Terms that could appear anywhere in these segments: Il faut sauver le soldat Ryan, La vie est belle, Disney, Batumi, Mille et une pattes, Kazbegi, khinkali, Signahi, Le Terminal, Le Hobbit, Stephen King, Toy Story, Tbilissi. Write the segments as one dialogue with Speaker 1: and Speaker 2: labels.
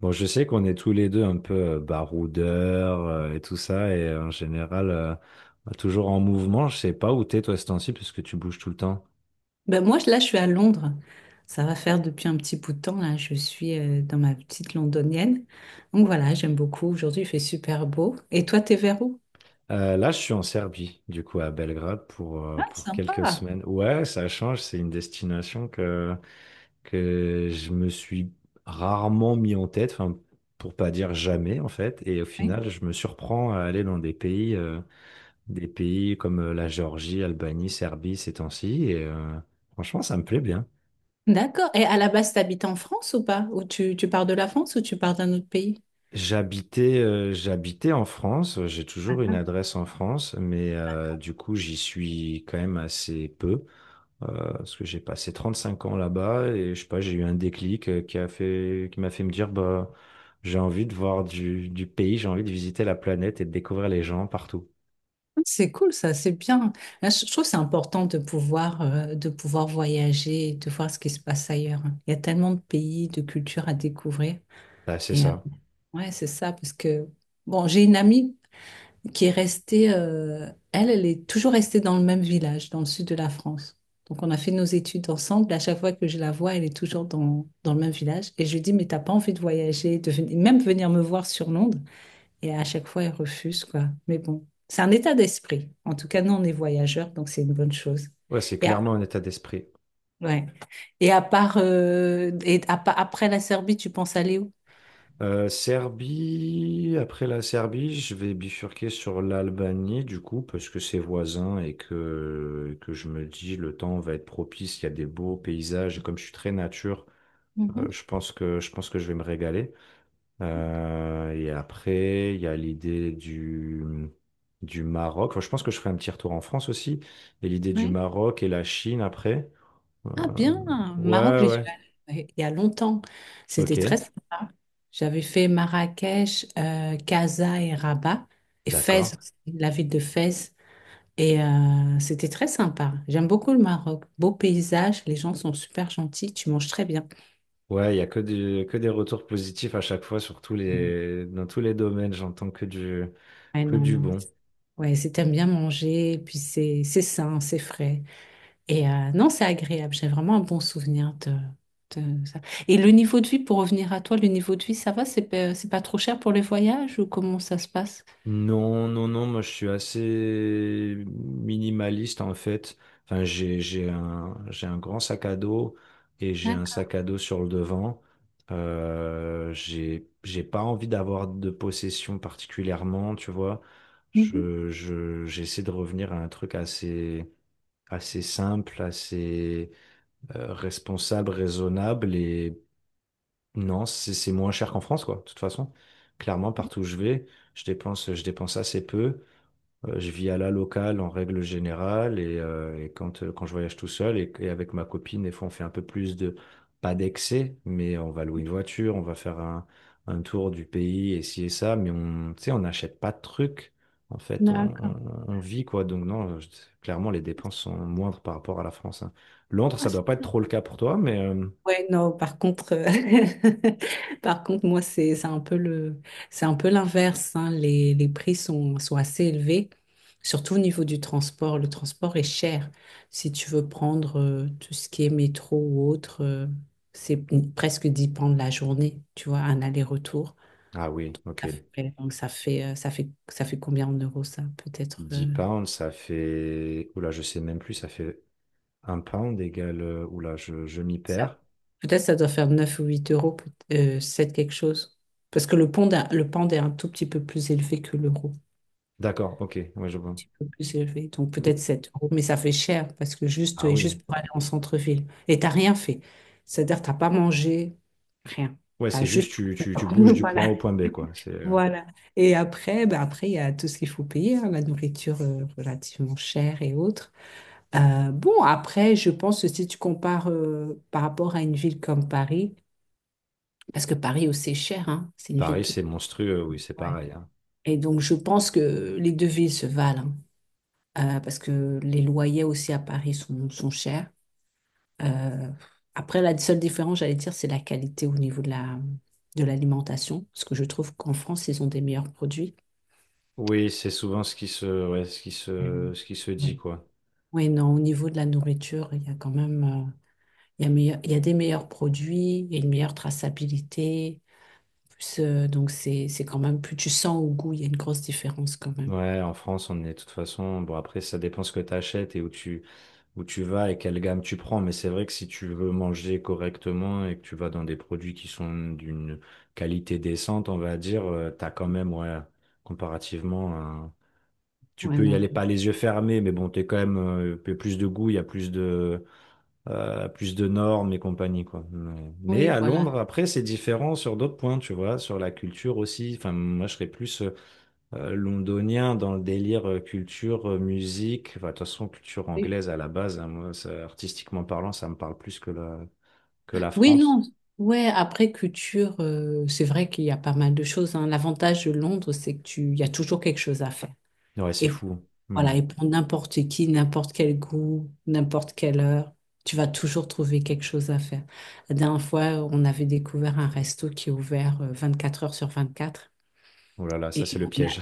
Speaker 1: Bon, je sais qu'on est tous les deux un peu baroudeurs et tout ça, et en général, toujours en mouvement. Je sais pas où t'es, toi, ce temps-ci, puisque tu bouges tout le temps.
Speaker 2: Ben moi, là, je suis à Londres. Ça va faire depuis un petit bout de temps, là. Je suis dans ma petite londonienne. Donc voilà, j'aime beaucoup. Aujourd'hui, il fait super beau. Et toi, t'es vers où?
Speaker 1: Là, je suis en Serbie, du coup, à Belgrade, pour, euh,
Speaker 2: Ah,
Speaker 1: pour quelques
Speaker 2: sympa.
Speaker 1: semaines. Ouais, ça change, c'est une destination que je me suis rarement mis en tête, enfin, pour pas dire jamais, en fait. Et au
Speaker 2: Oui.
Speaker 1: final, je me surprends à aller dans des pays, comme la Géorgie, Albanie, Serbie, ces temps-ci, et franchement, ça me plaît bien.
Speaker 2: D'accord. Et à la base, t'habites en France ou pas? Ou tu pars de la France ou tu pars d'un autre pays?
Speaker 1: J'habitais en France, j'ai toujours une
Speaker 2: D'accord.
Speaker 1: adresse en France, mais du coup j'y suis quand même assez peu, euh, parce que j'ai passé 35 ans là-bas et je sais pas, j'ai eu un déclic qui m'a fait me dire bah j'ai envie de voir du pays, j'ai envie de visiter la planète et de découvrir les gens partout.
Speaker 2: C'est cool, ça, c'est bien. Là, je trouve que c'est important de pouvoir, de pouvoir voyager, et de voir ce qui se passe ailleurs. Il y a tellement de pays, de cultures à découvrir.
Speaker 1: Bah, c'est
Speaker 2: Et
Speaker 1: ça.
Speaker 2: ouais, c'est ça, parce que, bon, j'ai une amie qui est restée, elle est toujours restée dans le même village, dans le sud de la France. Donc on a fait nos études ensemble. À chaque fois que je la vois, elle est toujours dans le même village. Et je lui dis, mais t'as pas envie de voyager, de même venir me voir sur Londres. Et à chaque fois, elle refuse, quoi. Mais bon, c'est un état d'esprit. En tout cas, nous, on est voyageurs, donc c'est une bonne chose.
Speaker 1: Ouais, c'est
Speaker 2: Et,
Speaker 1: clairement un état d'esprit.
Speaker 2: ouais. Et à part, et à pa- après la Serbie, tu penses aller où?
Speaker 1: Serbie, après la Serbie, je vais bifurquer sur l'Albanie du coup, parce que c'est voisin et que je me dis le temps va être propice, il y a des beaux paysages, et comme je suis très nature,
Speaker 2: Mhm.
Speaker 1: je pense que je vais me régaler. Et après, il y a l'idée du Maroc. Enfin, je pense que je ferai un petit retour en France aussi, et l'idée du
Speaker 2: Oui.
Speaker 1: Maroc et la Chine après. Euh,
Speaker 2: Ah bien, Maroc,
Speaker 1: ouais,
Speaker 2: j'y, oui, suis
Speaker 1: ouais,
Speaker 2: allée, ouais, il y a longtemps. C'était très
Speaker 1: ok,
Speaker 2: sympa. J'avais fait Marrakech, Casa et Rabat, et Fès,
Speaker 1: d'accord.
Speaker 2: aussi, la ville de Fès. Et c'était très sympa. J'aime beaucoup le Maroc. Beau paysage, les gens sont super gentils, tu manges très bien.
Speaker 1: Ouais, il y a que des retours positifs à chaque fois sur dans tous les domaines. J'entends
Speaker 2: Ouais,
Speaker 1: que
Speaker 2: non,
Speaker 1: du
Speaker 2: non.
Speaker 1: bon.
Speaker 2: Ouais, si t'aimes bien manger, puis c'est sain, c'est frais. Et non, c'est agréable. J'ai vraiment un bon souvenir de ça. Et le niveau de vie, pour revenir à toi, le niveau de vie, ça va? C'est pas trop cher pour les voyages ou comment ça se passe?
Speaker 1: Non, non, non, moi je suis assez minimaliste en fait. Enfin, j'ai un grand sac à dos et j'ai un
Speaker 2: D'accord.
Speaker 1: sac à dos sur le devant. J'ai pas envie d'avoir de possession particulièrement, tu vois.
Speaker 2: Mhm.
Speaker 1: J'essaie de revenir à un truc assez, assez simple, assez responsable, raisonnable et non, c'est moins cher qu'en France, quoi. De toute façon, clairement, partout où je vais, je dépense assez peu. Je vis à la locale en règle générale et quand je voyage tout seul et avec ma copine, des fois on fait un peu plus de, pas d'excès, mais on va louer une voiture, on va faire un tour du pays et ci et ça, mais on, tu sais, on n'achète pas de trucs. En fait, on,
Speaker 2: D'accord.
Speaker 1: on- on vit quoi. Donc non, clairement les dépenses sont moindres par rapport à la France, hein. Londres,
Speaker 2: Ah,
Speaker 1: ça
Speaker 2: c'est
Speaker 1: doit pas être
Speaker 2: bien.
Speaker 1: trop le cas pour toi, mais.
Speaker 2: Ouais, non, par contre, par contre, moi, c'est un peu l'inverse, hein. Les prix sont assez élevés, surtout au niveau du transport. Le transport est cher. Si tu veux prendre tout ce qui est métro ou autre, c'est presque 10 pounds la journée, tu vois, un aller-retour.
Speaker 1: Ah oui, ok.
Speaker 2: Ça Donc, ça fait combien en euros, ça?
Speaker 1: dix pounds, ça fait, Oula, je sais même plus, ça fait un pound égale... Oula, je m'y
Speaker 2: Ça-
Speaker 1: perds.
Speaker 2: Peut-être ça doit faire 9 ou 8 euros, 7 quelque chose. Parce que le pound est un tout petit peu plus élevé que l'euro.
Speaker 1: D'accord, ok, ouais, je vois.
Speaker 2: Un peu plus élevé. Donc peut-être
Speaker 1: Mais-
Speaker 2: 7 euros. Mais ça fait cher parce que
Speaker 1: Ah oui.
Speaker 2: juste pour aller en centre-ville. Et t'as rien fait. C'est-à-dire, t'as pas mangé, rien.
Speaker 1: Ouais,
Speaker 2: T'as
Speaker 1: c'est
Speaker 2: juste.
Speaker 1: juste tu bouges du point A
Speaker 2: Voilà.
Speaker 1: au point B, quoi. C'est
Speaker 2: Voilà. Et après, il y a tout ce qu'il faut payer, hein, la nourriture relativement chère et autres. Bon, après, je pense que si tu compares par rapport à une ville comme Paris, parce que Paris aussi est cher, hein. C'est une ville
Speaker 1: Paris,
Speaker 2: qui est.
Speaker 1: c'est monstrueux, oui, c'est
Speaker 2: Ouais.
Speaker 1: pareil, hein.
Speaker 2: Et donc, je pense que les deux villes se valent, hein. Parce que les loyers aussi à Paris sont chers. Euh, après, la seule différence, j'allais dire, c'est la qualité au niveau de l'alimentation, parce que je trouve qu'en France, ils ont des meilleurs produits.
Speaker 1: Oui, c'est souvent ouais,
Speaker 2: Mhm.
Speaker 1: ce qui se
Speaker 2: Oui.
Speaker 1: dit, quoi.
Speaker 2: Oui, non, au niveau de la nourriture, il y a quand même, il y a il y a des meilleurs produits, il y a une meilleure traçabilité. Plus, donc, c'est quand même, plus tu sens au goût, il y a une grosse différence quand même.
Speaker 1: Ouais, en France, on est de toute façon. Bon, après, ça dépend ce que tu achètes et où tu vas et quelle gamme tu prends. Mais c'est vrai que si tu veux manger correctement et que tu vas dans des produits qui sont d'une qualité décente, on va dire, tu t'as quand même, ouais, comparativement tu
Speaker 2: Ouais,
Speaker 1: peux y
Speaker 2: non,
Speaker 1: aller pas les yeux fermés, mais bon, t'es quand même un peu plus de goût, il y a plus de normes et compagnie, quoi. Mais
Speaker 2: oui,
Speaker 1: à Londres,
Speaker 2: voilà.
Speaker 1: après, c'est différent sur d'autres points, tu vois, sur la culture aussi. Enfin, moi, je serais plus londonien dans le délire culture, musique. Enfin, de toute façon, culture
Speaker 2: Oui,
Speaker 1: anglaise à la base, hein, moi, ça, artistiquement parlant, ça me parle plus que la
Speaker 2: oui,
Speaker 1: France.
Speaker 2: non. Ouais, après culture, c'est vrai qu'il y a pas mal de choses, hein. L'avantage de Londres, c'est que il y a toujours quelque chose à faire.
Speaker 1: Ouais, c'est
Speaker 2: Et
Speaker 1: fou. Hmm.
Speaker 2: voilà, et pour n'importe qui, n'importe quel goût, n'importe quelle heure, tu vas toujours trouver quelque chose à faire. La dernière fois, on avait découvert un resto qui est ouvert 24 heures sur 24.
Speaker 1: Oh là là, ça c'est
Speaker 2: Et
Speaker 1: le
Speaker 2: on
Speaker 1: piège.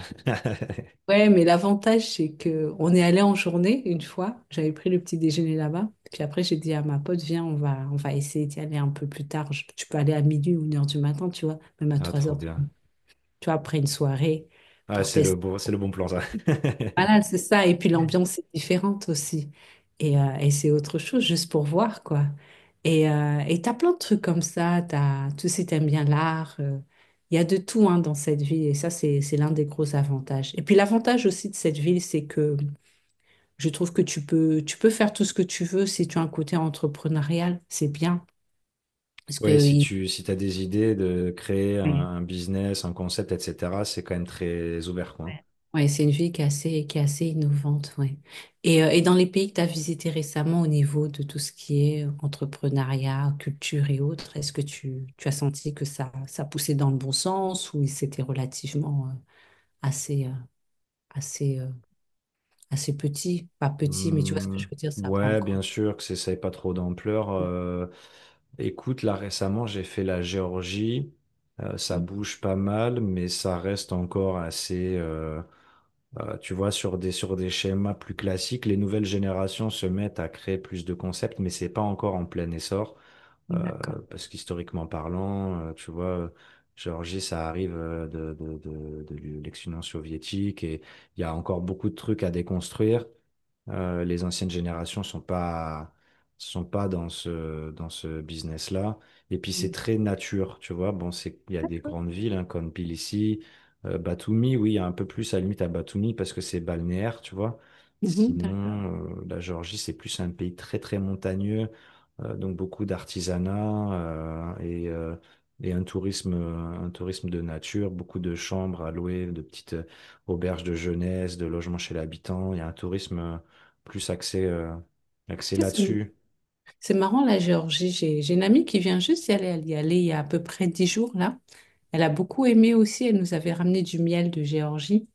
Speaker 2: Ouais, mais l'avantage, c'est que on est allé en journée une fois. J'avais pris le petit déjeuner là-bas. Puis après, j'ai dit à ma pote, viens, on va essayer d'y aller un peu plus tard. Tu peux aller à minuit ou 1 heure du matin, tu vois, même à
Speaker 1: Ah,
Speaker 2: trois
Speaker 1: trop
Speaker 2: heures.
Speaker 1: bien.
Speaker 2: Tu vois, après une soirée
Speaker 1: Ah,
Speaker 2: pour tester.
Speaker 1: c'est le bon plan, ça.
Speaker 2: Voilà, c'est ça. Et puis l'ambiance est différente aussi. Et c'est autre chose, juste pour voir, quoi. Et t'as plein de trucs comme ça. T'as, tu sais, t'aimes bien l'art. Il y a de tout hein, dans cette ville. Et ça, c'est l'un des gros avantages. Et puis l'avantage aussi de cette ville, c'est que je trouve que tu peux faire tout ce que tu veux si tu as un côté entrepreneurial, c'est bien. Parce que
Speaker 1: Ouais, si
Speaker 2: il-
Speaker 1: tu si t'as des idées de créer
Speaker 2: ouais,
Speaker 1: un business, un concept, etc., c'est quand même très ouvert, quoi.
Speaker 2: ouais, ouais, c'est une vie qui est assez innovante, ouais. Et dans les pays que tu as visités récemment au niveau de tout ce qui est entrepreneuriat, culture et autres, est-ce que tu as senti que ça poussait dans le bon sens ou c'était relativement assez, euh, assez, euh, assez petit? Pas petit, mais tu vois ce que
Speaker 1: Hmm,
Speaker 2: je veux dire, ça n'a pas
Speaker 1: ouais,
Speaker 2: encore.
Speaker 1: bien sûr que ça n'ait pas trop d'ampleur. Écoute, là récemment, j'ai fait la Géorgie. Ça
Speaker 2: Mm,
Speaker 1: bouge pas mal, mais ça reste encore assez, tu vois, sur des schémas plus classiques. Les nouvelles générations se mettent à créer plus de concepts, mais c'est pas encore en plein essor. Euh,
Speaker 2: d'accord.
Speaker 1: parce qu'historiquement parlant, tu vois, Géorgie, ça arrive de l'ex-Union soviétique et il y a encore beaucoup de trucs à déconstruire. Les anciennes générations sont pas dans ce business-là. Et puis c'est
Speaker 2: Mm,
Speaker 1: très nature, tu vois. Bon, c'est il y a des grandes villes, hein, comme Tbilissi, Batumi. Oui, il y a un peu plus à la limite à Batumi parce que c'est balnéaire, tu vois.
Speaker 2: mhm, d'accord.
Speaker 1: Sinon, la Géorgie c'est plus un pays très très montagneux, donc beaucoup d'artisanat et un tourisme, de nature, beaucoup de chambres à louer, de petites auberges de jeunesse, de logements chez l'habitant. Il y a un tourisme plus axé
Speaker 2: Tiens, ça me-
Speaker 1: là-dessus.
Speaker 2: C'est marrant, la Géorgie. J'ai une amie qui vient juste y aller. Elle y allait il y a à peu près 10 jours, là. Elle a beaucoup aimé aussi. Elle nous avait ramené du miel de Géorgie.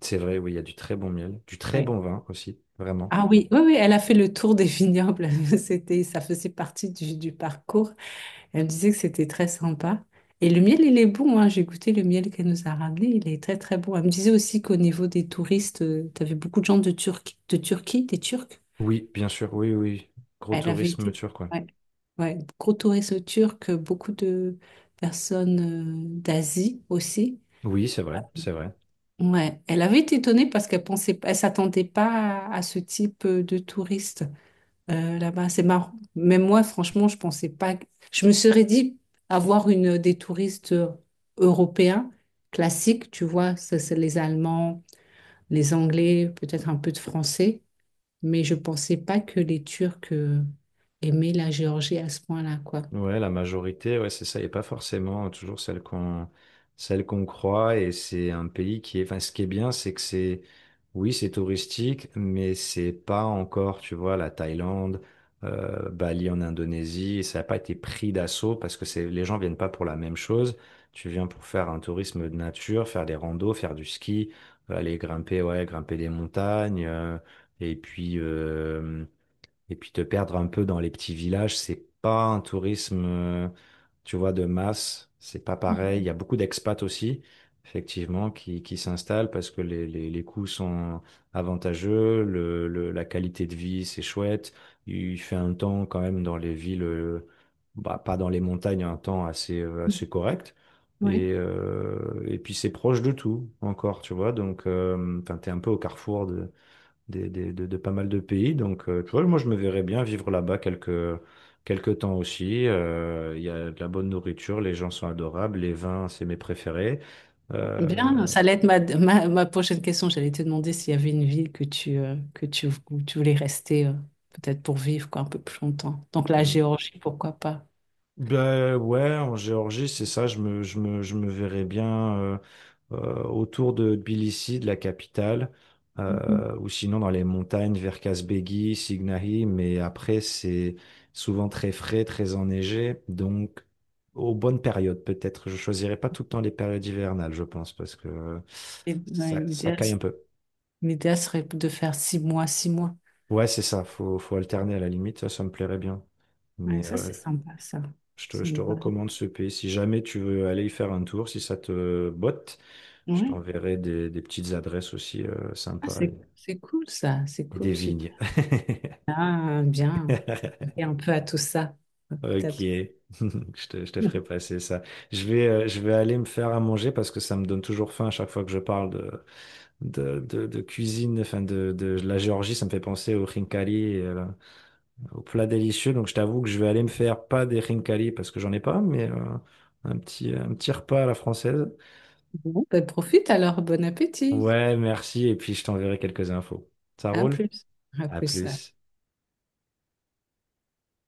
Speaker 1: C'est vrai, oui, il y a du très bon miel, du très
Speaker 2: Ouais.
Speaker 1: bon vin aussi, vraiment.
Speaker 2: Ah oui, oui, oui, elle a fait le tour des vignobles. C'était, ça faisait partie du parcours. Elle me disait que c'était très sympa. Et le miel, il est bon, hein. J'ai goûté le miel qu'elle nous a ramené. Il est très, très bon. Elle me disait aussi qu'au niveau des touristes, tu avais beaucoup de gens de Turquie, des Turcs.
Speaker 1: Oui, bien sûr, oui, oui, oui. Gros
Speaker 2: Elle avait
Speaker 1: tourisme
Speaker 2: été,
Speaker 1: turc, quoi.
Speaker 2: ouais, ouais, gros tourisme turc, beaucoup de personnes d'Asie aussi.
Speaker 1: Oui, c'est vrai, c'est vrai.
Speaker 2: Ouais, elle avait été étonnée parce qu'elle pensait, elle s'attendait pas à ce type de touriste là-bas. C'est marrant. Même moi, franchement, je pensais pas. Je me serais dit avoir une des touristes européens classiques, tu vois, ça, c'est les Allemands, les Anglais, peut-être un peu de Français, mais je pensais pas que les Turcs aimaient la Géorgie à ce point-là, quoi.
Speaker 1: Ouais, la majorité, ouais, c'est ça, et pas forcément toujours celle qu'on croit. Et c'est un pays qui est. Enfin, ce qui est bien, c'est que c'est. Oui, c'est touristique, mais c'est pas encore, tu vois, la Thaïlande, Bali en Indonésie. Ça n'a pas été pris d'assaut parce que c'est les gens viennent pas pour la même chose. Tu viens pour faire un tourisme de nature, faire des randos, faire du ski, aller grimper, ouais, grimper des montagnes. Et puis. euh, et puis te perdre un peu dans les petits villages, c'est pas un tourisme, tu vois, de masse. C'est pas pareil. Il y a beaucoup d'expats aussi, effectivement, qui s'installent parce que les coûts sont avantageux, la qualité de vie, c'est chouette. Il fait un temps quand même dans les villes, bah, pas dans les montagnes, un temps assez correct.
Speaker 2: Oui,
Speaker 1: Et puis c'est proche de tout encore, tu vois. Donc, enfin, t'es un peu au carrefour de pas mal de pays. Donc, tu vois, moi, je me verrais bien vivre là-bas quelques temps aussi. Il y a de la bonne nourriture, les gens sont adorables, les vins, c'est mes préférés. Euh,
Speaker 2: bien. Ça allait être ma prochaine question. J'allais te demander s'il y avait une ville où tu voulais rester, peut-être pour vivre quoi, un peu plus longtemps. Donc la Géorgie, pourquoi pas?
Speaker 1: Ben ouais, en Géorgie, c'est ça, je me verrais bien autour de Tbilissi, de la capitale,
Speaker 2: Mhm.
Speaker 1: ou sinon dans les montagnes vers Kazbegi, Signahi, mais après c'est souvent très frais, très enneigé, donc aux bonnes périodes peut-être. Je choisirais pas tout le temps les périodes hivernales, je pense, parce que
Speaker 2: Ouais,
Speaker 1: ça
Speaker 2: L'idéal
Speaker 1: caille un peu.
Speaker 2: l'idéal serait de faire 6 mois, 6 mois.
Speaker 1: Ouais, c'est ça, faut alterner à la limite, ça me plairait bien.
Speaker 2: Ouais,
Speaker 1: Mais
Speaker 2: ça,
Speaker 1: euh,
Speaker 2: c'est sympa, ça. C'est
Speaker 1: Je te
Speaker 2: une bonne-
Speaker 1: recommande ce pays. Si jamais tu veux aller y faire un tour, si ça te botte, je
Speaker 2: Ouais.
Speaker 1: t'enverrai des petites adresses aussi
Speaker 2: Ah,
Speaker 1: sympas
Speaker 2: c'est cool, ça. C'est
Speaker 1: et des
Speaker 2: cool, super.
Speaker 1: vignes.
Speaker 2: Ah, bien. Et un peu à tout ça.
Speaker 1: Ok,
Speaker 2: Peut-être.
Speaker 1: je te ferai passer ça. Je vais aller me faire à manger parce que ça me donne toujours faim à chaque fois que je parle de cuisine, enfin de la Géorgie. Ça me fait penser aux khinkali, et aux plats délicieux. Donc je t'avoue que je vais aller me faire pas des khinkali parce que j'en ai pas, mais un petit repas à la française.
Speaker 2: Bon, ben profite alors, bon appétit.
Speaker 1: Ouais, merci. Et puis, je t'enverrai quelques infos. Ça
Speaker 2: À
Speaker 1: roule?
Speaker 2: plus. À
Speaker 1: À
Speaker 2: plus.
Speaker 1: plus.